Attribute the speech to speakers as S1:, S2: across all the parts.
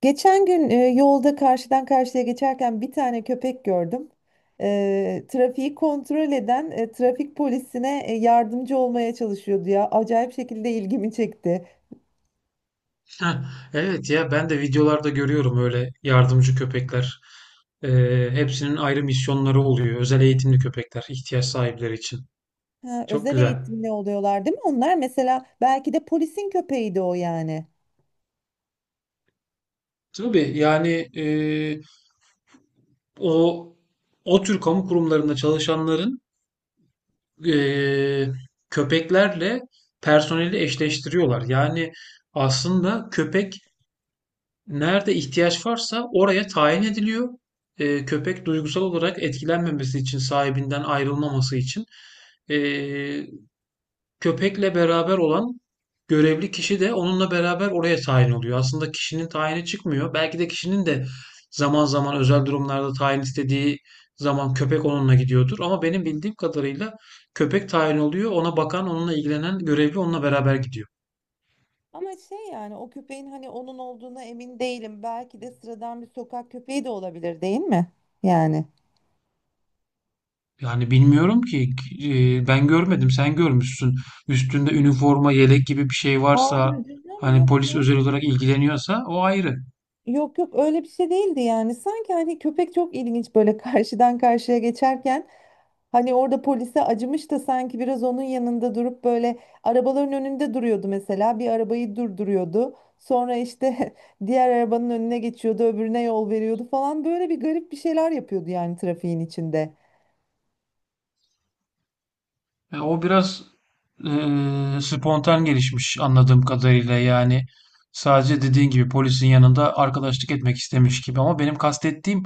S1: Geçen gün yolda karşıdan karşıya geçerken bir tane köpek gördüm. Trafiği kontrol eden trafik polisine yardımcı olmaya çalışıyordu ya. Acayip şekilde ilgimi çekti.
S2: Heh, evet ya ben de videolarda görüyorum öyle yardımcı köpekler. Hepsinin ayrı misyonları oluyor. Özel eğitimli köpekler ihtiyaç sahipleri için.
S1: Ha,
S2: Çok
S1: özel
S2: güzel.
S1: eğitimli oluyorlar değil mi? Onlar mesela belki de polisin köpeğiydi o yani.
S2: Tabii yani o o tür kamu kurumlarında çalışanların, e, köpeklerle personeli eşleştiriyorlar. Yani aslında köpek nerede ihtiyaç varsa oraya tayin ediliyor. Köpek duygusal olarak etkilenmemesi için, sahibinden ayrılmaması için. Ee, Köpekle beraber olan görevli kişi de onunla beraber oraya tayin oluyor. Aslında kişinin tayini çıkmıyor. Belki de kişinin de zaman zaman özel durumlarda tayin istediği zaman köpek onunla gidiyordur. Ama benim bildiğim kadarıyla köpek tayin oluyor. Ona bakan, onunla ilgilenen görevli onunla beraber gidiyor.
S1: Ama şey yani o köpeğin hani onun olduğuna emin değilim. Belki de sıradan bir sokak köpeği de olabilir değil mi? Yani.
S2: Yani bilmiyorum ki, ben görmedim sen görmüşsün. Üstünde üniforma, yelek gibi bir şey varsa,
S1: Hayır canım
S2: hani
S1: yok
S2: polis
S1: ya.
S2: özel olarak ilgileniyorsa o ayrı.
S1: Yok yok öyle bir şey değildi yani. Sanki hani köpek çok ilginç böyle karşıdan karşıya geçerken hani orada polise acımış da sanki biraz onun yanında durup böyle arabaların önünde duruyordu mesela. Bir arabayı durduruyordu. Sonra işte diğer arabanın önüne geçiyordu, öbürüne yol veriyordu falan, böyle bir garip bir şeyler yapıyordu yani trafiğin içinde.
S2: O biraz, e, spontan gelişmiş anladığım kadarıyla. Yani sadece dediğin gibi polisin yanında arkadaşlık etmek istemiş gibi. Ama benim kastettiğim,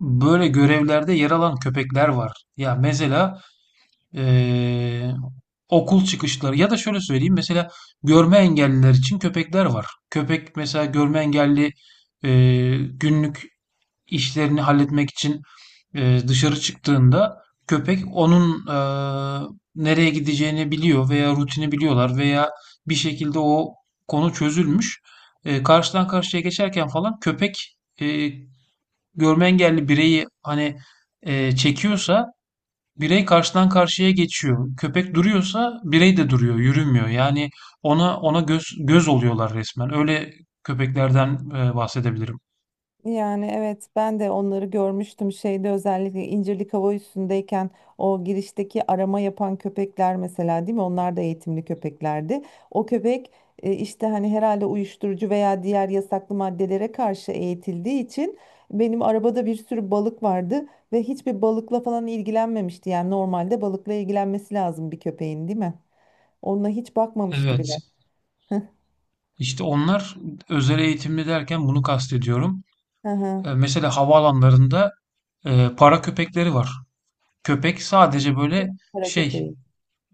S2: böyle görevlerde yer alan köpekler var. Ya mesela eee, okul çıkışları, ya da şöyle söyleyeyim, mesela görme engelliler için köpekler var. Köpek mesela görme engelli günlük işlerini halletmek için dışarı çıktığında, köpek onun nereye gideceğini biliyor veya rutini biliyorlar veya bir şekilde o konu çözülmüş. Karşıdan karşıya geçerken falan köpek, görme engelli bireyi hani, çekiyorsa birey karşıdan karşıya geçiyor. Köpek duruyorsa birey de duruyor, yürümüyor. Yani ona göz göz oluyorlar resmen. Öyle köpeklerden bahsedebilirim.
S1: Yani evet, ben de onları görmüştüm şeyde, özellikle İncirlik Hava Üssü'ndeyken o girişteki arama yapan köpekler mesela, değil mi? Onlar da eğitimli köpeklerdi. O köpek işte hani herhalde uyuşturucu veya diğer yasaklı maddelere karşı eğitildiği için benim arabada bir sürü balık vardı ve hiçbir balıkla falan ilgilenmemişti. Yani normalde balıkla ilgilenmesi lazım bir köpeğin, değil mi? Onunla hiç bakmamıştı bile.
S2: Evet. İşte onlar, özel eğitimli derken bunu kastediyorum.
S1: Hı hı.
S2: Mesela havaalanlarında, para köpekleri var. Köpek sadece böyle
S1: Kara
S2: şey
S1: köpeği.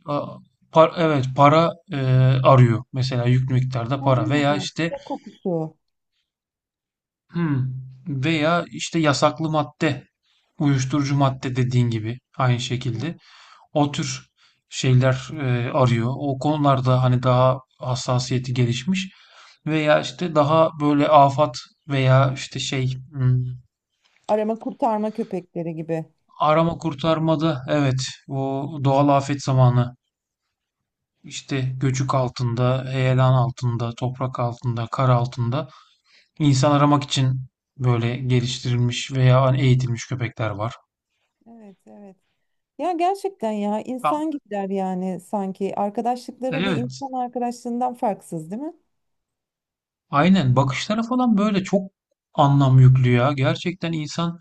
S2: a- evet para arıyor. Mesela yüklü miktarda
S1: Ha,
S2: para veya işte.
S1: ya kokusu.
S2: Hmm. Veya işte yasaklı madde, uyuşturucu madde, dediğin gibi aynı şekilde o tür şeyler arıyor. O konularda hani daha hassasiyeti gelişmiş veya işte daha böyle afat veya işte
S1: Arama kurtarma köpekleri gibi.
S2: arama kurtarmada, evet, o doğal afet zamanı, işte göçük altında, heyelan altında, toprak altında, kar altında insan aramak için böyle geliştirilmiş veya hani eğitilmiş köpekler var.
S1: Evet, evet. Ya gerçekten ya,
S2: Tamam.
S1: insan gibiler yani sanki. Arkadaşlıkları bir
S2: Evet.
S1: insan arkadaşlığından farksız, değil mi?
S2: Aynen. Bakışlara falan böyle çok anlam yüklü ya. Gerçekten insan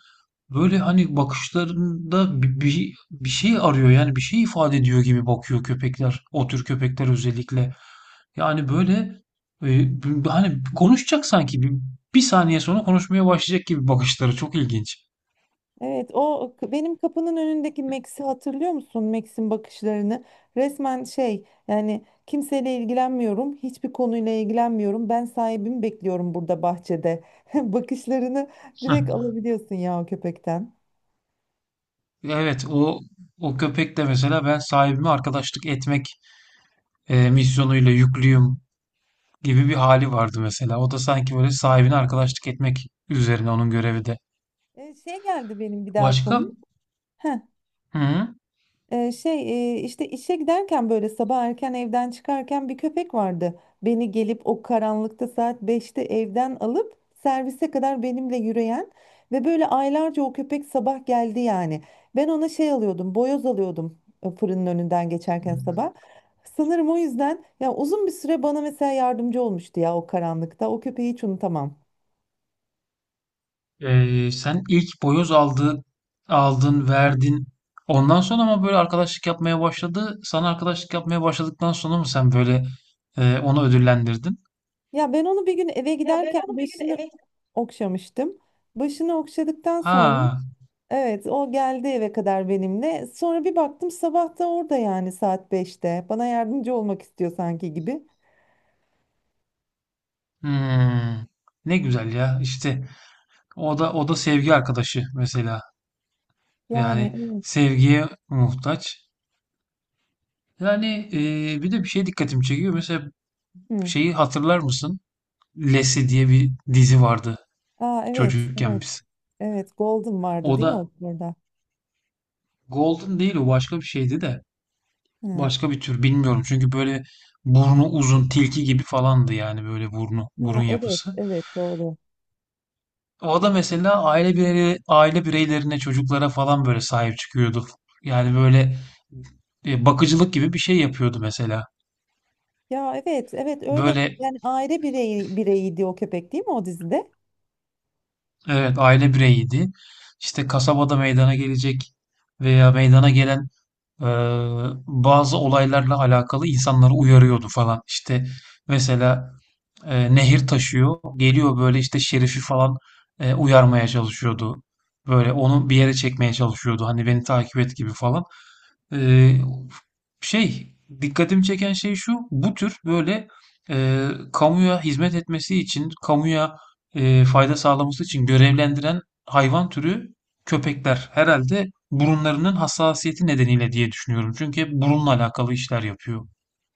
S2: böyle hani bakışlarında bir şey arıyor, yani bir şey ifade ediyor gibi bakıyor köpekler. O tür köpekler özellikle. Yani böyle, hani konuşacak sanki, bir saniye sonra konuşmaya başlayacak gibi. Bakışları çok ilginç.
S1: Evet, benim kapının önündeki Max'i hatırlıyor musun? Max'in bakışlarını. Resmen şey, yani kimseyle ilgilenmiyorum, hiçbir konuyla ilgilenmiyorum. Ben sahibimi bekliyorum burada bahçede. Bakışlarını
S2: Heh.
S1: direkt alabiliyorsun ya o köpekten.
S2: Evet, o köpek de mesela, ben sahibime arkadaşlık etmek misyonuyla yüklüyüm gibi bir hali vardı mesela. O da sanki böyle sahibine arkadaşlık etmek üzerine onun görevi de.
S1: Şey geldi benim bir daha
S2: Başka?
S1: aklıma. Heh.
S2: Hı hı.
S1: İşte işe giderken böyle sabah erken evden çıkarken bir köpek vardı. Beni gelip o karanlıkta saat beşte evden alıp servise kadar benimle yürüyen ve böyle aylarca o köpek sabah geldi yani. Ben ona şey alıyordum, boyoz alıyordum fırının önünden geçerken sabah. Sanırım o yüzden ya uzun bir süre bana mesela yardımcı olmuştu ya o karanlıkta. O köpeği hiç unutamam.
S2: Sen ilk boyoz aldın, verdin. Ondan sonra ama böyle arkadaşlık yapmaya başladı. Sana arkadaşlık yapmaya başladıktan sonra mı sen böyle, onu ödüllendirdin?
S1: Ya ben onu bir gün eve giderken başını okşamıştım. Başını okşadıktan sonra
S2: Ha,
S1: evet, o geldi eve kadar benimle. Sonra bir baktım sabah da orada, yani saat beşte. Bana yardımcı olmak istiyor sanki gibi.
S2: hmm. Ne güzel ya. İşte o da sevgi arkadaşı mesela.
S1: Yani
S2: Yani
S1: evet.
S2: sevgiye muhtaç. Yani, bir de bir şey dikkatimi çekiyor. Mesela
S1: Hı.
S2: şeyi hatırlar mısın? Lassie diye bir dizi vardı
S1: Aa evet,
S2: çocukken
S1: evet.
S2: biz.
S1: Evet, Golden vardı
S2: O
S1: değil mi
S2: da
S1: o orada?
S2: Golden değil, o başka bir şeydi de.
S1: Hı.
S2: Başka bir tür bilmiyorum. Çünkü böyle burnu uzun tilki gibi falandı yani böyle burun
S1: Ha, evet,
S2: yapısı.
S1: evet doğru.
S2: O da mesela aile bireylerine, çocuklara falan böyle sahip çıkıyordu. Yani böyle, bakıcılık gibi bir şey yapıyordu mesela.
S1: Ya evet, evet, öyle
S2: Böyle
S1: yani aile bireyi, bireyiydi o köpek değil mi o dizide?
S2: evet, aile bireyiydi. İşte kasabada meydana gelecek veya meydana gelen eee, bazı olaylarla alakalı insanları uyarıyordu falan. İşte mesela nehir taşıyor. Geliyor böyle işte Şerif'i falan uyarmaya çalışıyordu. Böyle onu bir yere çekmeye çalışıyordu. Hani beni takip et gibi falan. Ee, şey Dikkatimi çeken şey şu: bu tür böyle, kamuya hizmet etmesi için, kamuya fayda sağlaması için görevlendiren hayvan türü, köpekler, herhalde burunlarının hassasiyeti nedeniyle diye düşünüyorum. Çünkü hep burunla alakalı işler yapıyor.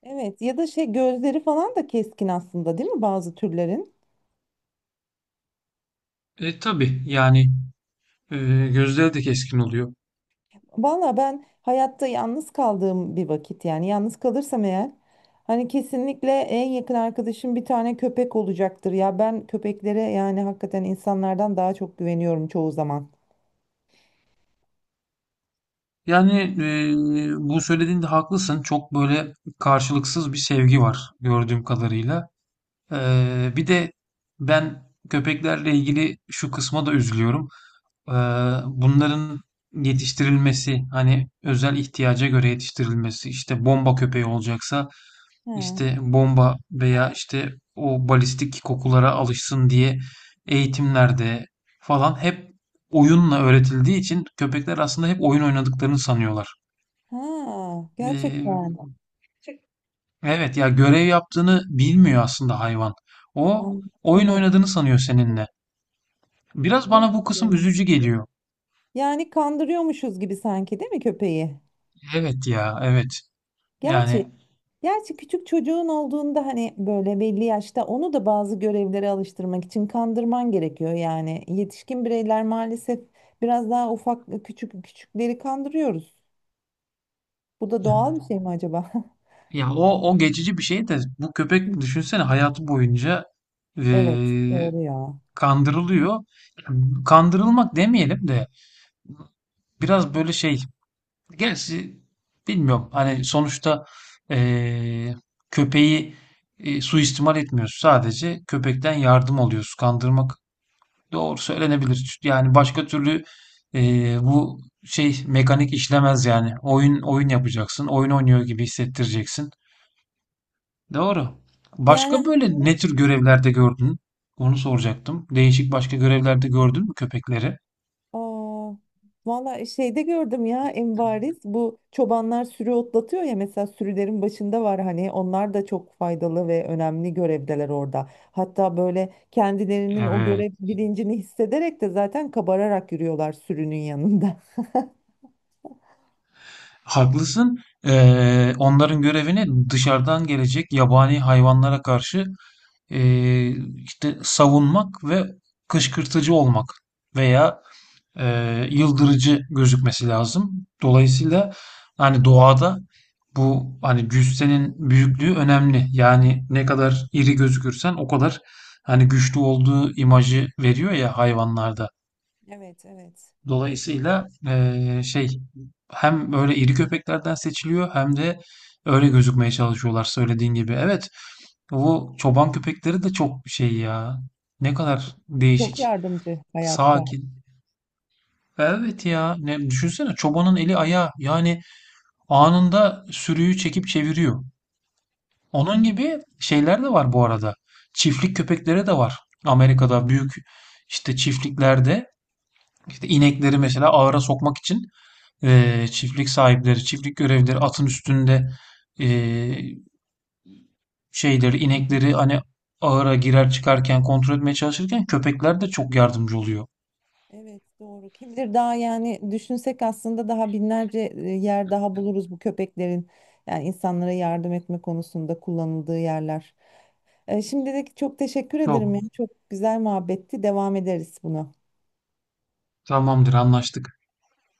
S1: Evet, ya da şey gözleri falan da keskin aslında değil mi bazı türlerin?
S2: E tabii yani, e, gözleri de keskin oluyor.
S1: Valla ben hayatta yalnız kaldığım bir vakit, yani yalnız kalırsam eğer, hani kesinlikle en yakın arkadaşım bir tane köpek olacaktır ya. Ben köpeklere yani hakikaten insanlardan daha çok güveniyorum çoğu zaman.
S2: Yani, bu söylediğinde haklısın. Çok böyle karşılıksız bir sevgi var gördüğüm kadarıyla. Bir de ben köpeklerle ilgili şu kısma da üzülüyorum. Ee, Bunların yetiştirilmesi, hani özel ihtiyaca göre yetiştirilmesi, işte bomba köpeği olacaksa
S1: Ha,
S2: işte bomba veya işte o balistik kokulara alışsın diye eğitimlerde falan hep oyunla öğretildiği için, köpekler aslında hep oyun oynadıklarını sanıyorlar.
S1: ha
S2: Ee,
S1: gerçekten.
S2: evet ya, görev yaptığını bilmiyor aslında hayvan. O
S1: Am-
S2: oyun
S1: evet,
S2: oynadığını sanıyor seninle. Biraz
S1: evet
S2: bana bu
S1: ya.
S2: kısım üzücü geliyor.
S1: Yani kandırıyormuşuz gibi sanki değil mi köpeği?
S2: Evet ya, evet.
S1: Gerçi
S2: Yani
S1: gerçi küçük çocuğun olduğunda hani böyle belli yaşta onu da bazı görevlere alıştırmak için kandırman gerekiyor yani. Yetişkin bireyler maalesef biraz daha ufak küçük küçükleri kandırıyoruz. Bu da doğal bir şey mi acaba?
S2: ya, o geçici bir şey de, bu köpek düşünsene, hayatı boyunca
S1: Evet,
S2: eee,
S1: doğru ya.
S2: kandırılıyor. Kandırılmak demeyelim de biraz böyle şey. Gerçi bilmiyorum. Hani sonuçta eee, köpeği suistimal etmiyoruz. Sadece köpekten yardım alıyoruz. Kandırmak doğru söylenebilir. Yani başka türlü bu şey mekanik işlemez yani. Oyun yapacaksın. Oyun oynuyor gibi hissettireceksin.
S1: Evet.
S2: Doğru.
S1: Yani
S2: Başka böyle
S1: aslında
S2: ne tür görevlerde gördün? Onu soracaktım. Değişik başka görevlerde gördün mü köpekleri?
S1: aa, valla şeyde gördüm ya en bariz, bu çobanlar sürü otlatıyor ya mesela, sürülerin başında var hani onlar da çok faydalı ve önemli görevdeler orada. Hatta böyle kendilerinin o
S2: Evet.
S1: görev bilincini hissederek de zaten kabararak yürüyorlar sürünün yanında.
S2: Haklısın. Onların görevini dışarıdan gelecek yabani hayvanlara karşı eee, işte savunmak ve kışkırtıcı olmak veya, e, yıldırıcı gözükmesi lazım. Dolayısıyla hani doğada, bu hani cüssenin büyüklüğü önemli. Yani ne kadar iri gözükürsen o kadar hani güçlü olduğu imajı veriyor ya hayvanlarda.
S1: Evet, evet.
S2: Dolayısıyla, hem öyle iri köpeklerden seçiliyor, hem de öyle gözükmeye çalışıyorlar söylediğin gibi. Evet, bu çoban köpekleri de çok şey ya. Ne kadar
S1: Çok
S2: değişik.
S1: yardımcı hayatta.
S2: Sakin. Evet ya, ne düşünsene, çobanın eli ayağı yani. Anında sürüyü çekip çeviriyor. Onun gibi şeyler de var bu arada. Çiftlik köpekleri de var. Amerika'da büyük işte çiftliklerde, işte inekleri mesela ahıra sokmak için çiftlik sahipleri, çiftlik görevlileri atın üstünde eee, şeyleri inekleri hani ahıra girer çıkarken kontrol etmeye çalışırken, köpekler de çok yardımcı oluyor.
S1: Evet doğru. Kim bilir daha yani düşünsek aslında daha binlerce yer daha buluruz bu köpeklerin yani insanlara yardım etme konusunda kullanıldığı yerler. Şimdilik çok teşekkür
S2: Çok.
S1: ederim ya. Çok güzel muhabbetti. Devam ederiz buna.
S2: Tamamdır, anlaştık.